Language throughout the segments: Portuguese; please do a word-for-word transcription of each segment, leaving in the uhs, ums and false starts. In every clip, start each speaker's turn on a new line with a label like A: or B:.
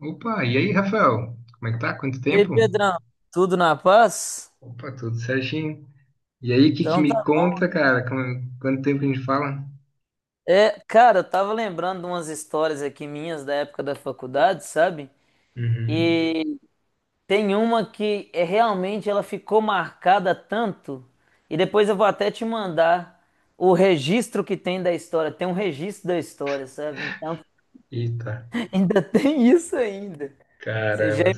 A: Opa, e aí, Rafael? Como é que tá? Quanto
B: E aí,
A: tempo?
B: Pedrão, tudo na paz?
A: Opa, tudo certinho. E aí, o que que
B: Então
A: me
B: tá.
A: conta, cara? Como- Quanto tempo a gente fala?
B: É, cara, eu tava lembrando de umas histórias aqui minhas da época da faculdade, sabe?
A: Uhum.
B: E tem uma que é realmente ela ficou marcada tanto, e depois eu vou até te mandar o registro que tem da história, tem um registro da história, sabe? Então,
A: Eita,
B: ainda tem isso ainda. Você já
A: caramba.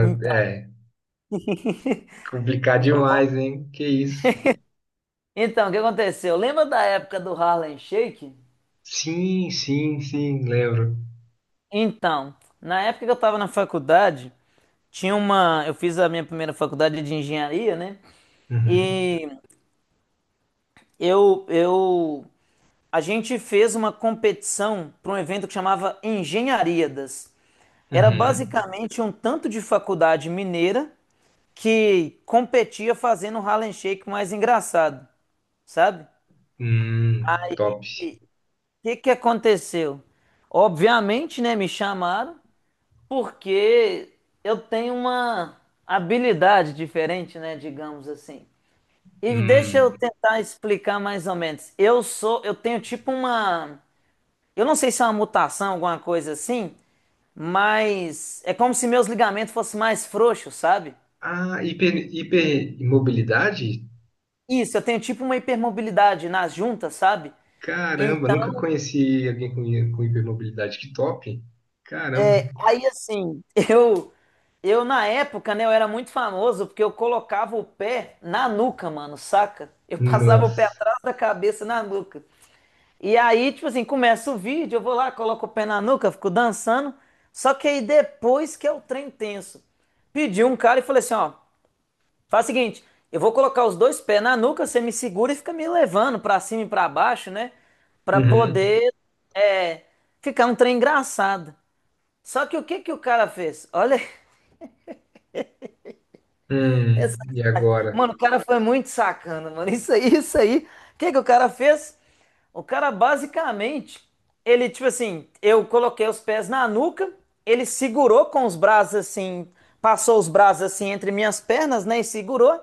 B: imagina. Então,
A: é complicado demais, hein? Que isso?
B: Então, o que aconteceu? Lembra da época do Harlem Shake?
A: Sim, sim, sim, lembro.
B: Então, na época que eu estava na faculdade, tinha uma. Eu fiz a minha primeira faculdade de engenharia, né?
A: Uhum.
B: E eu, eu, a gente fez uma competição para um evento que chamava Engenhariadas. Era
A: Uhum.
B: basicamente um tanto de faculdade mineira que competia fazendo o Harlem Shake mais engraçado, sabe?
A: Hum, top.
B: Aí, o que que aconteceu? Obviamente, né, me chamaram porque eu tenho uma habilidade diferente, né, digamos assim. E deixa eu
A: Hum.
B: tentar explicar mais ou menos. Eu sou, eu tenho tipo uma, eu não sei se é uma mutação, alguma coisa assim, mas é como se meus ligamentos fossem mais frouxos, sabe?
A: Ah, hiper, hipermobilidade?
B: Isso, eu tenho tipo uma hipermobilidade nas juntas, sabe?
A: Caramba, nunca
B: Então,
A: conheci alguém com, hi- com hipermobilidade. Que top. Caramba.
B: aí assim, eu eu na época, né, eu era muito famoso porque eu colocava o pé na nuca, mano, saca? Eu passava o pé
A: Nossa.
B: atrás da cabeça na nuca. E aí, tipo assim, começa o vídeo, eu vou lá, coloco o pé na nuca, fico dançando. Só que aí depois que é o trem tenso, pedi um cara e falei assim, ó, faz o seguinte, eu vou colocar os dois pés na nuca, você me segura e fica me levando pra cima e pra baixo, né? Pra
A: Uhum.
B: poder é, ficar um trem engraçado. Só que o que que o cara fez? Olha, É
A: Hum,
B: sacanagem.
A: e agora?
B: Mano, o cara foi muito sacana, mano. Isso aí, isso aí. O que que o cara fez? O cara basicamente, ele tipo assim, eu coloquei os pés na nuca, ele segurou com os braços assim, passou os braços assim entre minhas pernas, né, e segurou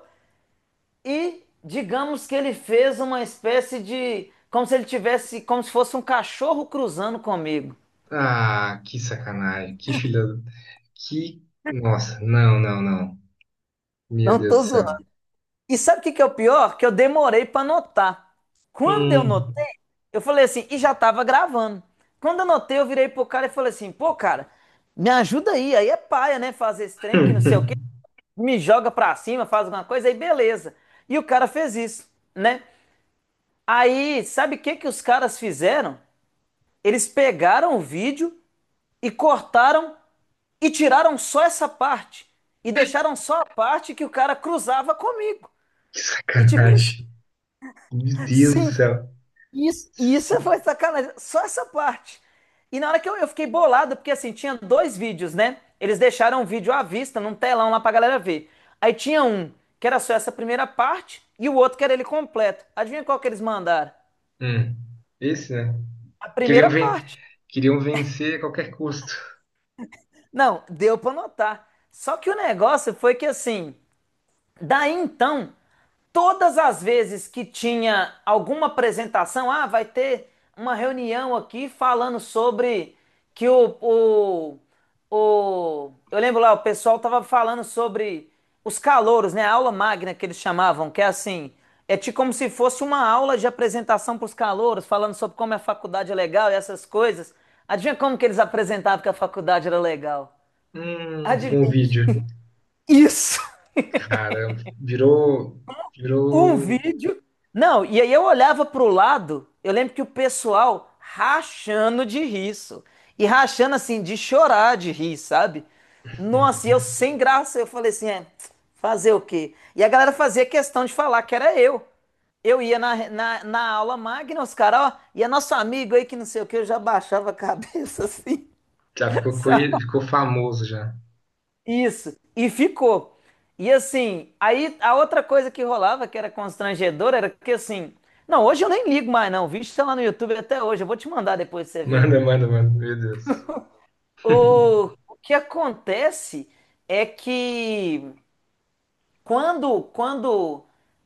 B: e digamos que ele fez uma espécie de como se ele tivesse, como se fosse um cachorro cruzando comigo.
A: Ah, que sacanagem. Que filha. Que. Nossa, não, não, não. Meu
B: Não
A: Deus do
B: tô
A: céu.
B: zoando. E sabe o que que é o pior? Que eu demorei para notar. Quando eu
A: Hum.
B: notei, eu falei assim, e já tava gravando. Quando eu notei, eu virei pro cara e falei assim, pô, cara, me ajuda aí. Aí é paia, né? Fazer esse trem que não sei o quê, me joga pra cima, faz alguma coisa, aí beleza. E o cara fez isso, né? Aí, sabe o que que os caras fizeram? Eles pegaram o vídeo e cortaram e tiraram só essa parte. E deixaram só a parte que o cara cruzava comigo.
A: Que
B: E tipo assim,
A: sacanagem. Meu Deus do
B: sim,
A: céu.
B: Isso, isso
A: Sim.
B: foi sacanagem. Só essa parte. E na hora que eu, eu fiquei bolado, porque assim, tinha dois vídeos, né? Eles deixaram um vídeo à vista, num telão lá pra galera ver. Aí tinha um que era só essa primeira parte e o outro que era ele completo. Adivinha qual que eles mandaram?
A: Hum. Esse, né?
B: A
A: Queriam,
B: primeira
A: ven...
B: parte.
A: Queriam vencer a qualquer custo.
B: Não, deu pra notar. Só que o negócio foi que assim, daí então, todas as vezes que tinha alguma apresentação, ah, vai ter uma reunião aqui falando sobre que o, o, o eu lembro lá, o pessoal tava falando sobre os calouros, né? A aula magna que eles chamavam, que é assim, é tipo como se fosse uma aula de apresentação para os calouros, falando sobre como a faculdade é legal e essas coisas. Adivinha como que eles apresentavam que a faculdade era legal?
A: Hum, com o
B: Adivinha.
A: vídeo.
B: Isso!
A: Caramba, virou.
B: Um
A: Virou.
B: vídeo. Não, e aí eu olhava pro lado, eu lembro que o pessoal rachando de riso. E rachando assim, de chorar de rir, sabe? Nossa, e eu sem graça, eu falei assim, é, fazer o quê? E a galera fazia questão de falar que era eu. Eu ia na, na, na aula magna, os caras, ó, e é nosso amigo aí que não sei o que, eu já baixava a cabeça assim,
A: Já ficou,
B: sabe?
A: conhe... ficou famoso já.
B: Isso. E ficou. E assim, aí a outra coisa que rolava, que era constrangedora, era que assim, não, hoje eu nem ligo mais, não. O vídeo está lá no YouTube até hoje, eu vou te mandar depois pra você ver.
A: Manda, manda, manda. Meu Deus.
B: O, o que acontece é que quando, quando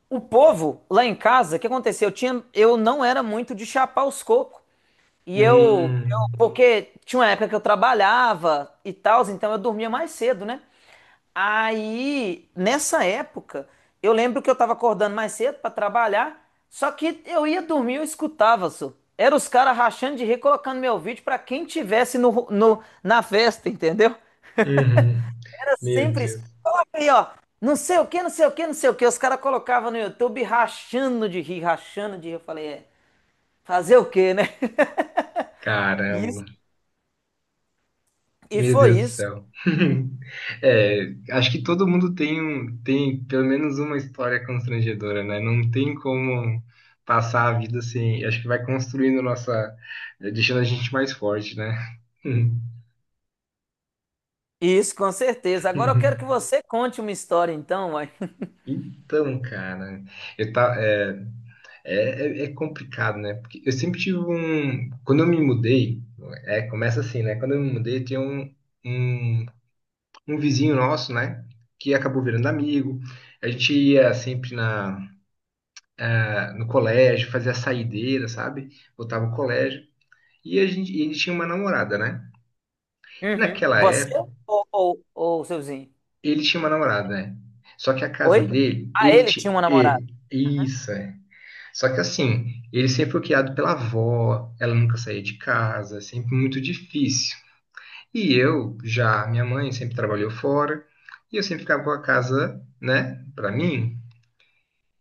B: o povo lá em casa, o que aconteceu? Eu tinha, eu não era muito de chapar os cocos. E eu,
A: Hum,
B: eu- porque tinha uma época que eu trabalhava e tal, então eu dormia mais cedo, né? Aí, nessa época, eu lembro que eu tava acordando mais cedo pra trabalhar, só que eu ia dormir, eu escutava, só. Era os caras rachando de rir, colocando meu vídeo pra quem tivesse no, no- na festa, entendeu?
A: uhum.
B: Era
A: Meu
B: sempre isso.
A: Deus.
B: Coloca aí, ó, não sei o que, não sei o que, não sei o que. Os caras colocavam no YouTube rachando de rir, rachando de rir. Eu falei, é, fazer o quê, né? E isso,
A: Caramba.
B: e
A: Meu Deus
B: foi
A: do
B: isso.
A: céu. É, acho que todo mundo tem, um- tem pelo menos uma história constrangedora, né? Não tem como passar a vida sem. Acho que vai construindo nossa. eh, Deixando a gente mais forte, né?
B: Isso, com certeza. Agora eu quero que você conte uma história, então, uai.
A: Então, cara, eu tá, é, é, é é complicado, né? Porque eu sempre tive um. Quando eu me mudei, é, começa assim, né? Quando eu me mudei, tinha um, um um vizinho nosso, né? Que acabou virando amigo. A gente ia sempre na, na- no colégio, fazia saideira, sabe? Voltava ao colégio. E a gente, e ele tinha uma namorada, né? E
B: Uhum.
A: naquela
B: Você
A: época,
B: ou, ou, ou o seu vizinho?
A: ele tinha uma namorada, né? Só que a casa
B: Oi?
A: dele,
B: Ah,
A: ele
B: ele tinha
A: tinha.
B: uma
A: e-
B: namorada.
A: Isso, é. Só que assim, ele sempre foi criado pela avó, ela nunca saía de casa, sempre muito difícil. E eu, já, minha mãe sempre trabalhou fora, e eu sempre ficava com a casa, né, pra mim.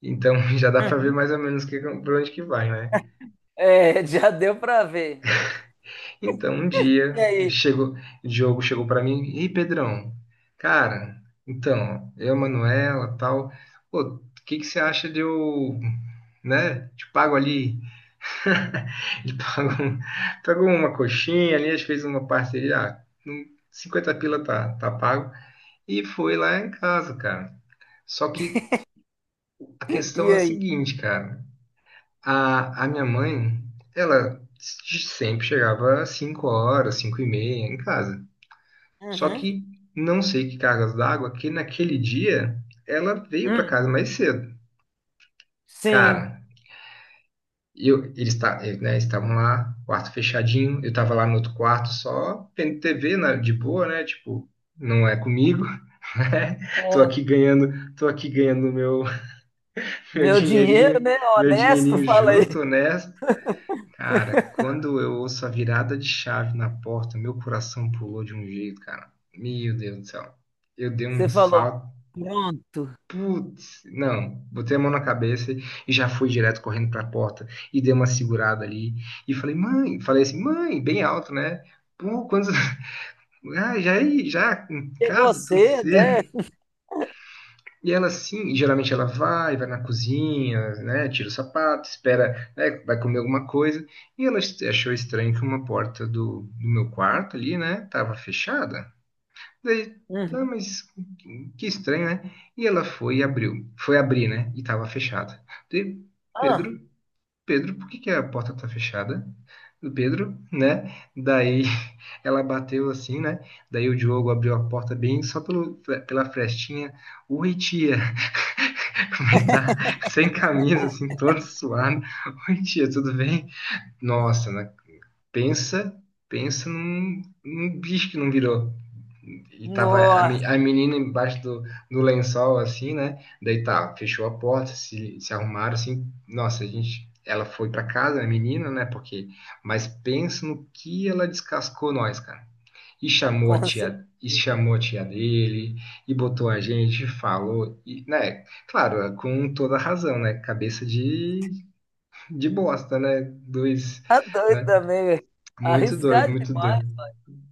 A: Então, já dá para ver
B: Uhum.
A: mais ou menos que, para onde que vai, né?
B: É, já deu pra ver.
A: Então um
B: E
A: dia
B: aí?
A: chegou, Diogo chegou para mim, e Pedrão, cara, então eu, Manuela, tal, pô, o que que você acha de eu, né? Te pago ali. Ele pagou, um, pagou uma coxinha ali, a gente fez uma parceria, ah, num- cinquenta pila tá, tá pago e foi lá em casa, cara. Só que a questão
B: E
A: é a
B: aí?
A: seguinte, cara. A, a minha mãe, ela s- sempre chegava às cinco horas, cinco e meia em casa. Só
B: Uhum.
A: que não sei que cargas d'água, que naquele dia ela veio para
B: Hum,
A: casa mais cedo.
B: sim.
A: Cara, eu, eles ta- eh, né, estavam lá, quarto fechadinho, eu tava lá no outro quarto só vendo T V na- de boa, né? Tipo, não é comigo. Tô aqui
B: É,
A: ganhando, tô aqui ganhando meu, meu
B: meu dinheiro,
A: dinheirinho,
B: né?
A: meu
B: Honesto,
A: dinheirinho
B: fala
A: justo,
B: aí.
A: honesto. Cara, quando eu ouço a virada de chave na porta, meu coração pulou de um jeito, cara. Meu Deus do céu. Eu dei um
B: Você falou,
A: salto.
B: pronto.
A: Putz, não. Botei a mão na cabeça e já fui direto correndo pra porta e dei uma segurada ali e falei: "Mãe", falei assim: "Mãe", bem alto, né? Pô, quando ah, já é aí, já em
B: Chegou
A: casa, tão
B: cedo, é?
A: cedo. E ela sim, e geralmente ela vai, vai na cozinha, né, tira o sapato, espera, né, vai comer alguma coisa. E ela est- achou estranho que uma porta do, do meu quarto ali, né, tava fechada. Daí, tá,
B: Uhum.
A: mas que que estranho, né? E ela foi e abriu, foi abrir, né, e tava fechada. Daí,
B: Ah,
A: Pedro, Pedro, por que que a porta tá fechada? Do Pedro, né? Daí ela bateu assim, né? Daí o Diogo abriu a porta bem só pelo, pela frestinha. Oi, tia. Como ele tá sem camisa, assim, todo suado. Oi, tia, tudo bem? Nossa, né? Pensa, pensa num, num bicho que não virou. E tava a, me-
B: nossa,
A: a menina embaixo do, do lençol, assim, né? Daí tá, fechou a porta, se, se arrumaram, assim. Nossa, a gente, ela foi pra casa, a menina, né? Porque, mas pensa no que ela descascou nós, cara. E chamou a
B: com
A: tia, e
B: certeza.
A: chamou a tia dele, e botou a gente, falou, e, né? Claro, com toda a razão, né? Cabeça de, de bosta, né? Dois,
B: Tá doido
A: né?
B: também, velho.
A: Muito doido,
B: Arriscado
A: muito
B: demais.
A: doido.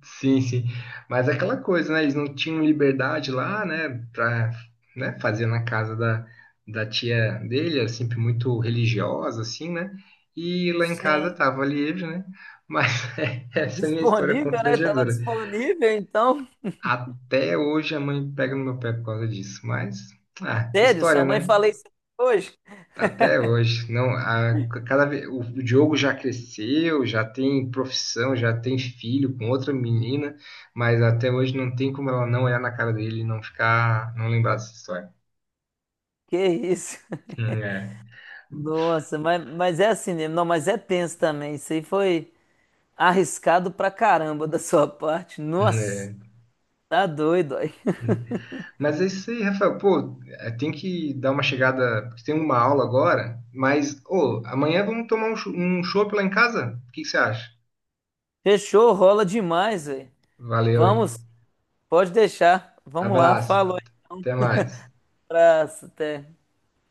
A: Sim, sim. Mas aquela coisa, né? Eles não tinham liberdade lá, né? Pra, né? Fazer na casa da, da tia dele, era sempre muito religiosa, assim, né? E lá em casa
B: Sim.
A: tava livre, né? Mas essa é a minha história
B: Disponível, né? Tava
A: constrangedora.
B: disponível, então.
A: Até hoje a mãe pega no meu pé por causa disso, mas ah,
B: Sério,
A: história,
B: sua mãe
A: né?
B: falou isso hoje?
A: Até hoje, não, a, cada vez o Diogo já cresceu, já tem profissão, já tem filho com outra menina, mas até hoje não tem como ela não olhar na cara dele e não ficar, não lembrar dessa história.
B: Que isso?
A: Hum, É,
B: Nossa, mas, mas é assim mesmo. Não, mas é tenso também. Isso aí foi arriscado pra caramba da sua parte.
A: hum,
B: Nossa,
A: é.
B: tá doido aí.
A: Mas é isso aí, Rafael. Pô, é, tem que dar uma chegada, porque tem uma aula agora, mas ô, amanhã vamos tomar um, chu- um chopp lá em casa? O que que você acha?
B: Fechou, rola demais, velho.
A: Valeu aí.
B: Vamos, pode deixar. Vamos lá,
A: Abraço.
B: falou.
A: Até mais.
B: Abraço, até.